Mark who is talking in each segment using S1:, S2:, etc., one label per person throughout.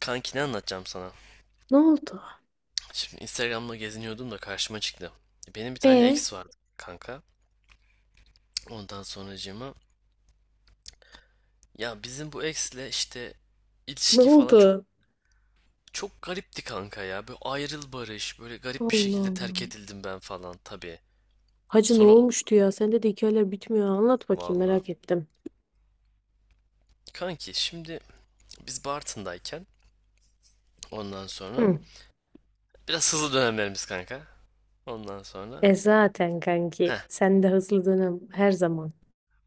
S1: Kanki ne anlatacağım sana?
S2: Ne oldu?
S1: Şimdi Instagram'da geziniyordum da karşıma çıktı. Benim bir tane
S2: E
S1: ex vardı kanka. Ondan sonracığıma ya bizim bu ex'le işte
S2: Ne
S1: ilişki falan çok
S2: oldu?
S1: çok garipti kanka ya. Böyle ayrıl barış, böyle garip bir
S2: Allah
S1: şekilde
S2: Allah.
S1: terk edildim ben falan tabii.
S2: Hacı ne
S1: Sonra
S2: olmuştu ya? Sende de hikayeler bitmiyor. Anlat bakayım
S1: vallahi
S2: merak ettim.
S1: kanki şimdi biz Bartın'dayken ondan sonra
S2: Hı.
S1: biraz hızlı dönemlerimiz kanka. Ondan sonra
S2: E zaten kanki
S1: heh
S2: sen de hızlı dönem her zaman.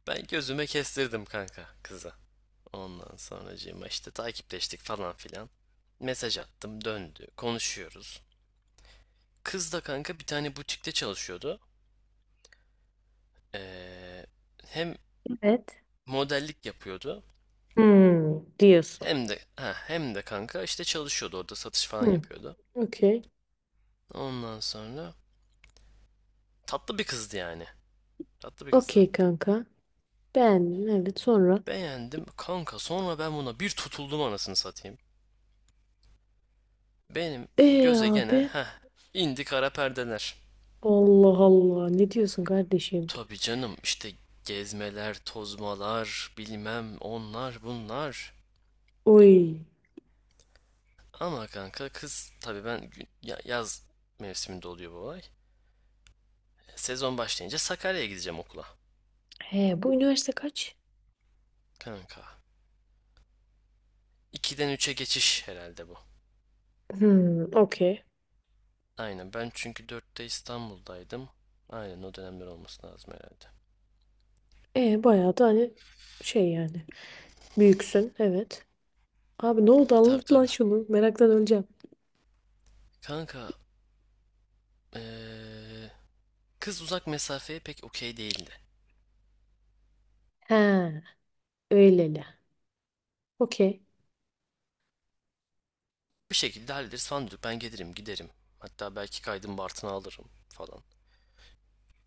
S1: ben gözüme kestirdim kanka kızı. Ondan sonracığıma işte takipleştik falan filan. Mesaj attım döndü. Konuşuyoruz. Kız da kanka bir tane butikte çalışıyordu. Ee, hem
S2: Evet.
S1: modellik yapıyordu
S2: Hmm, diyorsun.
S1: hem de hem de kanka işte çalışıyordu orada satış falan
S2: Hı,
S1: yapıyordu.
S2: okey.
S1: Ondan sonra tatlı bir kızdı yani. Tatlı bir kızdı.
S2: Okey kanka. Beğendim evet sonra.
S1: Beğendim kanka, sonra ben buna bir tutuldum anasını satayım. Benim
S2: E
S1: göze
S2: abi.
S1: gene indi kara perdeler.
S2: Allah Allah ne diyorsun kardeşim?
S1: Tabii canım işte, gezmeler, tozmalar, bilmem onlar bunlar.
S2: Oy.
S1: Ama kanka kız tabii, ben yaz mevsiminde oluyor bu olay. Sezon başlayınca Sakarya'ya gideceğim okula.
S2: He bu üniversite kaç?
S1: Kanka. 2'den 3'e geçiş herhalde bu.
S2: Hmm, okey.
S1: Aynen, ben çünkü 4'te İstanbul'daydım. Aynen o dönemler olması lazım herhalde.
S2: E bayağı da hani şey yani. Büyüksün evet. Abi ne oldu
S1: Tabii,
S2: anlat lan
S1: tabii.
S2: şunu. Meraktan öleceğim.
S1: Kanka, eee, kız uzak mesafeye pek okey değildi.
S2: He öyleli. Okey.
S1: Bir şekilde hallederiz falan diyorduk. Ben gelirim giderim. Hatta belki kaydım Bartın'a alırım falan.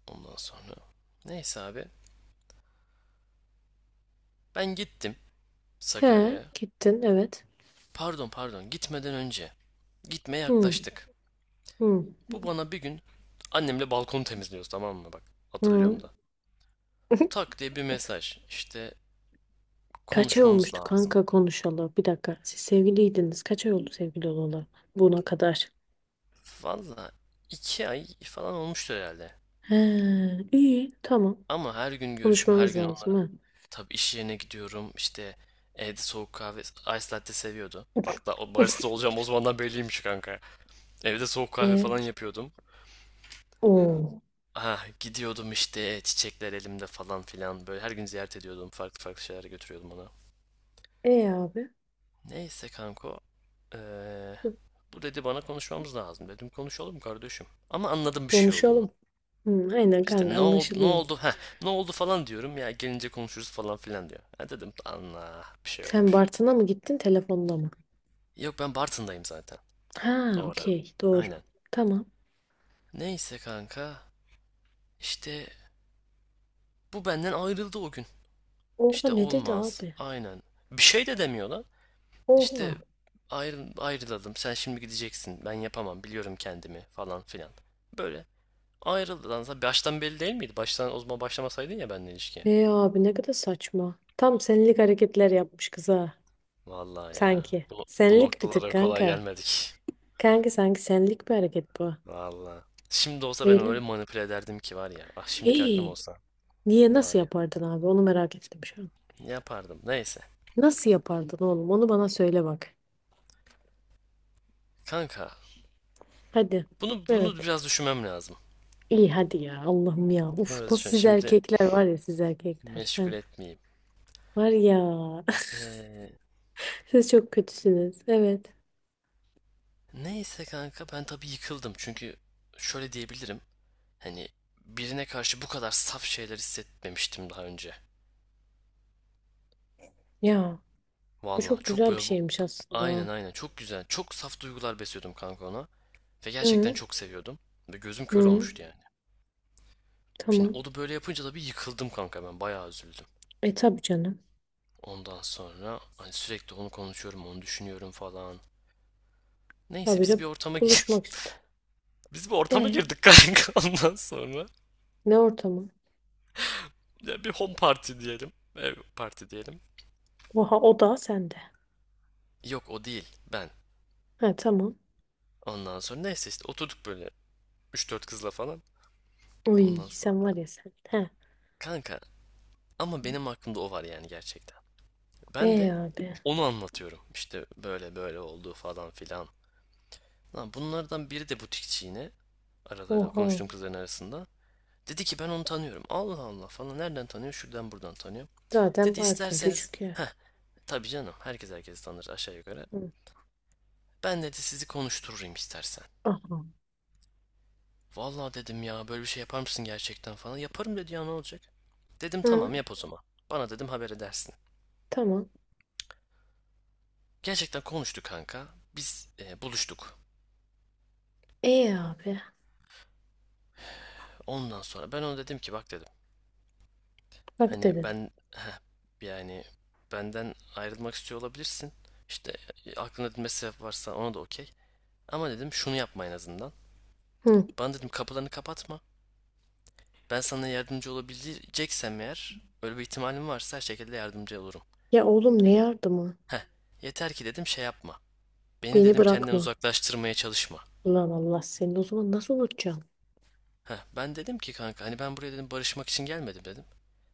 S1: Ondan sonra. Neyse abi. Ben gittim
S2: He
S1: Sakarya'ya.
S2: gittin evet.
S1: Pardon, pardon, gitmeden önce. Gitmeye
S2: Hı
S1: yaklaştık.
S2: hı
S1: Bu bana bir gün, annemle balkonu temizliyoruz tamam mı, bak
S2: hı.
S1: hatırlıyorum da. Tak diye bir mesaj, işte
S2: Kaç ay
S1: konuşmamız
S2: olmuştu
S1: lazım.
S2: kanka konuşalı? Bir dakika. Siz sevgiliydiniz. Kaç ay oldu sevgili olalı buna kadar?
S1: Valla 2 ay falan olmuştur herhalde.
S2: He iyi tamam.
S1: Ama her gün görüşüm, her
S2: Konuşmamız
S1: gün
S2: lazım
S1: onların,
S2: ha.
S1: tabii iş yerine gidiyorum işte, evde soğuk kahve ice latte seviyordu. Bak da o barista olacağım o zamandan belliymiş kanka. Evde soğuk kahve
S2: E
S1: falan yapıyordum.
S2: o.
S1: Ha, gidiyordum işte, çiçekler elimde falan filan. Böyle her gün ziyaret ediyordum. Farklı farklı şeyler götürüyordum ona.
S2: E abi.
S1: Neyse kanko. eee, bu dedi bana konuşmamız lazım. Dedim konuşalım kardeşim. Ama anladım bir şey olduğunu.
S2: Konuşalım. Hı, aynen kanka
S1: İşte ne oldu, ne
S2: anlaşılıyor.
S1: oldu, ne oldu falan diyorum, ya gelince konuşuruz falan filan diyor. Ha dedim, Allah bir şey
S2: Sen
S1: olmuş.
S2: Bartın'a mı gittin telefonla mı?
S1: Yok, ben Bartın'dayım zaten
S2: Ha
S1: o ara.
S2: okey doğru.
S1: Aynen.
S2: Tamam.
S1: Neyse kanka, işte bu benden ayrıldı o gün.
S2: Oha
S1: İşte
S2: ne dedi
S1: olmaz.
S2: abi?
S1: Aynen. Bir şey de demiyor lan. İşte
S2: Oha.
S1: ayrılalım, sen şimdi gideceksin, ben yapamam, biliyorum kendimi falan filan. Böyle ayrılalım. Baştan belli değil miydi? Baştan o zaman başlamasaydın ya benimle ilişkiye.
S2: E abi ne kadar saçma. Tam senlik hareketler yapmış kıza.
S1: Vallahi ya.
S2: Sanki.
S1: Bu
S2: Senlik bir tık
S1: noktalara kolay
S2: kanka.
S1: gelmedik.
S2: Kanka sanki senlik bir hareket bu.
S1: Vallahi. Şimdi olsa ben
S2: Öyle
S1: öyle
S2: mi?
S1: manipüle ederdim ki var ya. Ah, şimdiki aklım
S2: Hey,
S1: olsa.
S2: niye
S1: Ne
S2: nasıl
S1: var ya.
S2: yapardın abi? Onu merak ettim şu an.
S1: Yapardım. Neyse.
S2: Nasıl yapardın oğlum? Onu bana söyle bak.
S1: Kanka.
S2: Hadi.
S1: Bunu
S2: Evet.
S1: biraz düşünmem lazım.
S2: İyi hadi ya. Allah'ım ya.
S1: Bunu
S2: Uf
S1: biraz
S2: nasıl
S1: düşün.
S2: siz
S1: Şimdi
S2: erkekler var ya siz erkekler. Ha.
S1: meşgul etmeyeyim.
S2: Var ya.
S1: Ee,
S2: Siz çok kötüsünüz. Evet.
S1: neyse kanka ben tabii yıkıldım. Çünkü şöyle diyebilirim. Hani birine karşı bu kadar saf şeyler hissetmemiştim daha önce.
S2: Ya bu
S1: Vallahi
S2: çok
S1: çok
S2: güzel bir
S1: böyle bu...
S2: şeymiş aslında.
S1: Aynen, aynen, çok güzel. Çok saf duygular besliyordum kanka ona. Ve gerçekten
S2: Hı.
S1: çok seviyordum. Ve gözüm kör
S2: Hı,
S1: olmuştu yani. Şimdi
S2: tamam.
S1: o da böyle yapınca da bir yıkıldım kanka ben. Bayağı üzüldüm.
S2: E tabii canım.
S1: Ondan sonra hani sürekli onu konuşuyorum, onu düşünüyorum falan. Neyse
S2: Habire
S1: biz bir ortama gir
S2: buluşmak ister.
S1: biz bir ortama
S2: E
S1: girdik kanka ondan sonra.
S2: ne ortamı?
S1: Ya bir home party diyelim. Ev party diyelim.
S2: Oha o da sende.
S1: Yok, o değil ben.
S2: Ha tamam.
S1: Ondan sonra neyse işte oturduk böyle üç dört kızla falan.
S2: Uy
S1: Ondan
S2: sen
S1: sonra
S2: var ya sen. Ha.
S1: kanka, ama benim aklımda o var yani gerçekten. Ben
S2: E
S1: de
S2: abi.
S1: onu anlatıyorum. İşte böyle böyle oldu falan filan. Lan bunlardan biri de butikçi yine, aralarında
S2: Oha.
S1: konuştuğum kızların arasında. Dedi ki ben onu tanıyorum. Allah Allah falan, nereden tanıyor? Şuradan buradan tanıyor.
S2: Zaten
S1: Dedi
S2: Bartın
S1: isterseniz,
S2: küçük yer.
S1: tabii canım herkes herkesi tanır aşağı yukarı.
S2: Hı.
S1: Ben dedi sizi konuştururum istersen.
S2: Aha.
S1: Vallahi dedim ya, böyle bir şey yapar mısın gerçekten falan. Yaparım dedi, ya ne olacak? Dedim tamam,
S2: Hı.
S1: yap o zaman. Bana dedim haber edersin.
S2: Tamam.
S1: Gerçekten konuştu kanka. Biz buluştuk.
S2: E abi.
S1: Ondan sonra ben ona dedim ki, bak dedim.
S2: Bak
S1: Hani
S2: dedin.
S1: ben yani benden ayrılmak istiyor olabilirsin. İşte aklında dedim bir varsa, ona da okey. Ama dedim şunu yapma en azından.
S2: Hı.
S1: Bana dedim kapılarını kapatma. Ben sana yardımcı olabileceksem, eğer öyle bir ihtimalim varsa her şekilde yardımcı olurum.
S2: Ya oğlum ne
S1: Hani
S2: yardımı?
S1: heh, yeter ki dedim şey yapma. Beni
S2: Beni
S1: dedim kendinden
S2: bırakma.
S1: uzaklaştırmaya çalışma.
S2: Ulan Allah seni o zaman nasıl unutacaksın?
S1: Ben dedim ki kanka, hani ben buraya dedim barışmak için gelmedim dedim.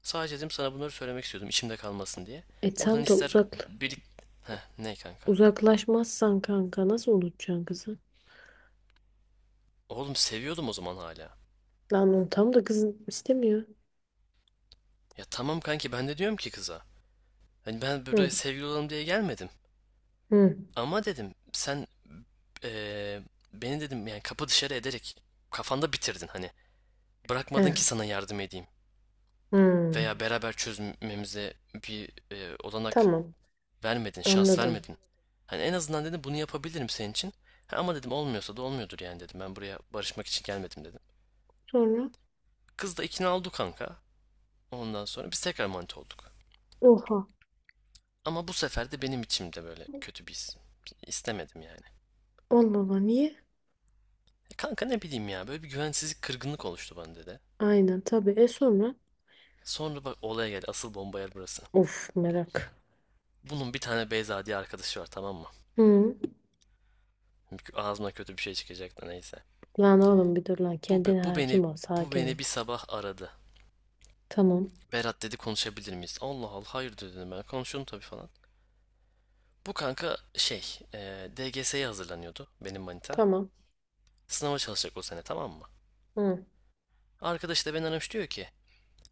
S1: Sadece dedim sana bunları söylemek istiyordum içimde kalmasın diye.
S2: E tam
S1: Buradan
S2: da
S1: ister
S2: uzak
S1: birlik... Ne kanka?
S2: uzaklaşmazsan kanka nasıl unutacaksın kızı?
S1: Oğlum seviyordum o zaman hala.
S2: Lan onu tam da kızın istemiyor.
S1: Ya tamam kanki, ben de diyorum ki kıza. Hani ben
S2: Hı,
S1: buraya sevgili olalım diye gelmedim.
S2: hı,
S1: Ama dedim sen eee, beni dedim yani kapı dışarı ederek kafanda bitirdin hani.
S2: he,
S1: Bırakmadın ki sana yardım edeyim.
S2: hı.
S1: Veya beraber çözmemize bir olanak
S2: Tamam,
S1: vermedin, şans
S2: anladım.
S1: vermedin. Hani en azından dedim bunu yapabilirim senin için. Ha, ama dedim olmuyorsa da olmuyordur yani dedim. Ben buraya barışmak için gelmedim dedim.
S2: Sonra,
S1: Kız da ikna oldu kanka. Ondan sonra biz tekrar manita olduk.
S2: oha,
S1: Ama bu sefer de benim içimde böyle kötü bir his. İstemedim yani.
S2: Allah Allah, niye?
S1: E kanka ne bileyim ya, böyle bir güvensizlik, kırgınlık oluştu bende de.
S2: Aynen, tabii. E sonra,
S1: Sonra bak olaya gel, asıl bomba yer burası.
S2: of, merak.
S1: Bunun bir tane Beyza diye arkadaşı var, tamam mı?
S2: Hı.
S1: Ağzına kötü bir şey çıkacak da neyse.
S2: Lan oğlum bir dur lan,
S1: Bu,
S2: kendine
S1: bu beni
S2: hakim ol,
S1: bu
S2: sakin ol.
S1: beni bir sabah aradı.
S2: Tamam,
S1: Berat dedi, konuşabilir miyiz? Allah Allah, hayır diyor dedim ben. Konuşurum tabii falan. Bu kanka şey DGS'ye hazırlanıyordu benim manita.
S2: tamam.
S1: Sınava çalışacak o sene, tamam mı?
S2: Hı.
S1: Arkadaş da beni aramış, diyor ki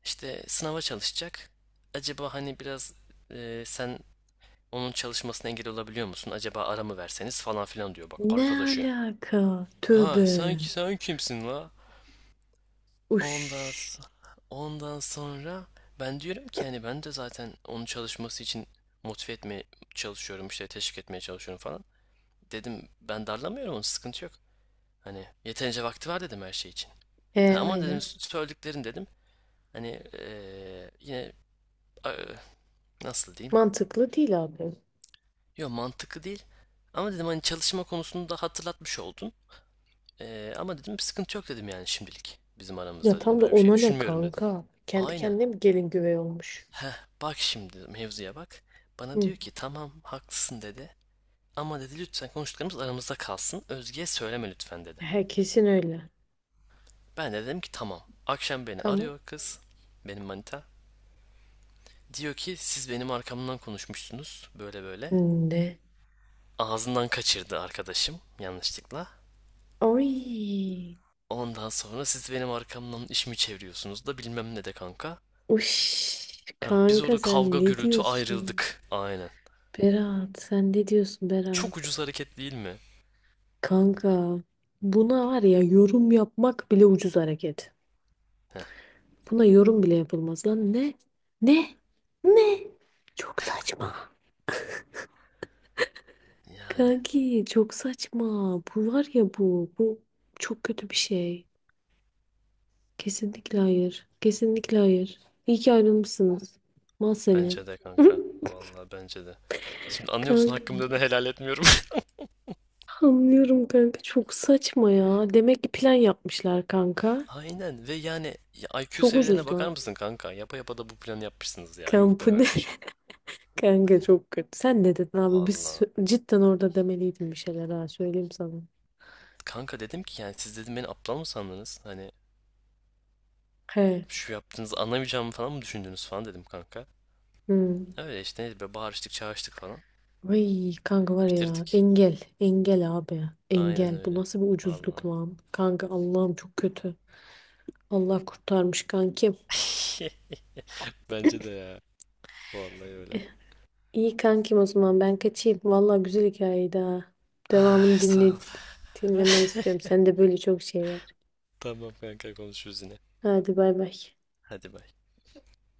S1: işte sınava çalışacak. Acaba hani biraz sen onun çalışmasına engel olabiliyor musun? Acaba ara mı verseniz falan filan diyor bak
S2: Ne
S1: arkadaşı.
S2: alaka?
S1: Ha
S2: Tövbe.
S1: sen, kimsin la?
S2: Uş.
S1: Ondan, s- ondan sonra ben diyorum ki yani, ben de zaten onun çalışması için motive etmeye çalışıyorum, işte teşvik etmeye çalışıyorum falan. Dedim ben darlamıyorum onu, sıkıntı yok. Hani yeterince vakti var dedim her şey için.
S2: E,
S1: Ha, ama dedim
S2: aynen.
S1: söylediklerin dedim hani yine a- e, nasıl diyeyim?
S2: Mantıklı değil abi.
S1: Yok, mantıklı değil. Ama dedim hani çalışma konusunu da hatırlatmış oldun. Ama dedim sıkıntı yok dedim yani, şimdilik bizim
S2: Ya
S1: aramızda
S2: tam
S1: dedim,
S2: da
S1: böyle bir şey
S2: ona ne
S1: düşünmüyorum dedim.
S2: kanka? Kendi
S1: Aynen.
S2: kendine mi gelin güvey olmuş?
S1: Heh, bak şimdi mevzuya bak. Bana
S2: Hı.
S1: diyor ki tamam haklısın dedi. Ama dedi lütfen konuştuklarımız aramızda kalsın, Özge'ye söyleme lütfen dedi.
S2: He, kesin öyle.
S1: Ben de dedim ki tamam. Akşam beni
S2: Tamam.
S1: arıyor kız. Benim manita. Diyor ki siz benim arkamdan konuşmuşsunuz, böyle böyle.
S2: Ne?
S1: Ağzından kaçırdı arkadaşım yanlışlıkla.
S2: Oy.
S1: Ondan sonra siz benim arkamdan iş mi çeviriyorsunuz da bilmem ne de kanka.
S2: Uş.
S1: Biz
S2: Kanka
S1: orada
S2: sen
S1: kavga
S2: ne
S1: gürültü
S2: diyorsun?
S1: ayrıldık. Aynen.
S2: Berat sen ne diyorsun
S1: Çok
S2: Berat?
S1: ucuz hareket değil mi?
S2: Kanka buna var ya yorum yapmak bile ucuz hareket.
S1: Heh,
S2: Buna yorum bile yapılmaz lan. Ne? Ne? Ne? Çok saçma.
S1: yani.
S2: Kanki çok saçma. Bu var ya bu. Bu çok kötü bir şey. Kesinlikle hayır. Kesinlikle hayır. İyi ki ayrılmışsınız. Mal seni.
S1: Bence de kanka. Vallahi bence de. Şimdi anlıyor musun
S2: Kanka.
S1: hakkımda, ne helal etmiyorum.
S2: Anlıyorum kanka çok saçma ya. Demek ki plan yapmışlar kanka.
S1: Aynen, ve yani ya IQ
S2: Çok
S1: seviyelerine
S2: ucuz
S1: bakar
S2: lan.
S1: mısın kanka? Yapa yapa da bu planı yapmışsınız ya. Yuh be
S2: Kampı ne?
S1: kardeşim.
S2: Kanka çok kötü. Sen ne dedin abi? Biz
S1: Valla,
S2: cidden orada demeliydin bir şeyler ha söyleyeyim sana.
S1: kanka dedim ki yani, siz dedim beni aptal mı sandınız? Hani
S2: He.
S1: şu yaptığınızı anlamayacağımı falan mı düşündünüz falan dedim kanka.
S2: Hmm.
S1: Öyle işte, neydi be, bağırıştık çağırıştık falan.
S2: Ay kanka var ya
S1: Bitirdik.
S2: engel. Engel abi.
S1: Aynen
S2: Engel. Bu
S1: öyle.
S2: nasıl bir ucuzluk
S1: Valla.
S2: lan? Kanka Allah'ım çok kötü. Allah kurtarmış kankim.
S1: Bence de ya. Vallahi öyle.
S2: İyi kankim o zaman ben kaçayım. Vallahi güzel hikayeydi ha.
S1: Ah,
S2: Devamını
S1: sağ
S2: dinle,
S1: ol.
S2: dinlemeyi istiyorum. Sende böyle çok şey var.
S1: Tamam kanka, konuşuruz yine.
S2: Hadi bay bay.
S1: Hadi bay.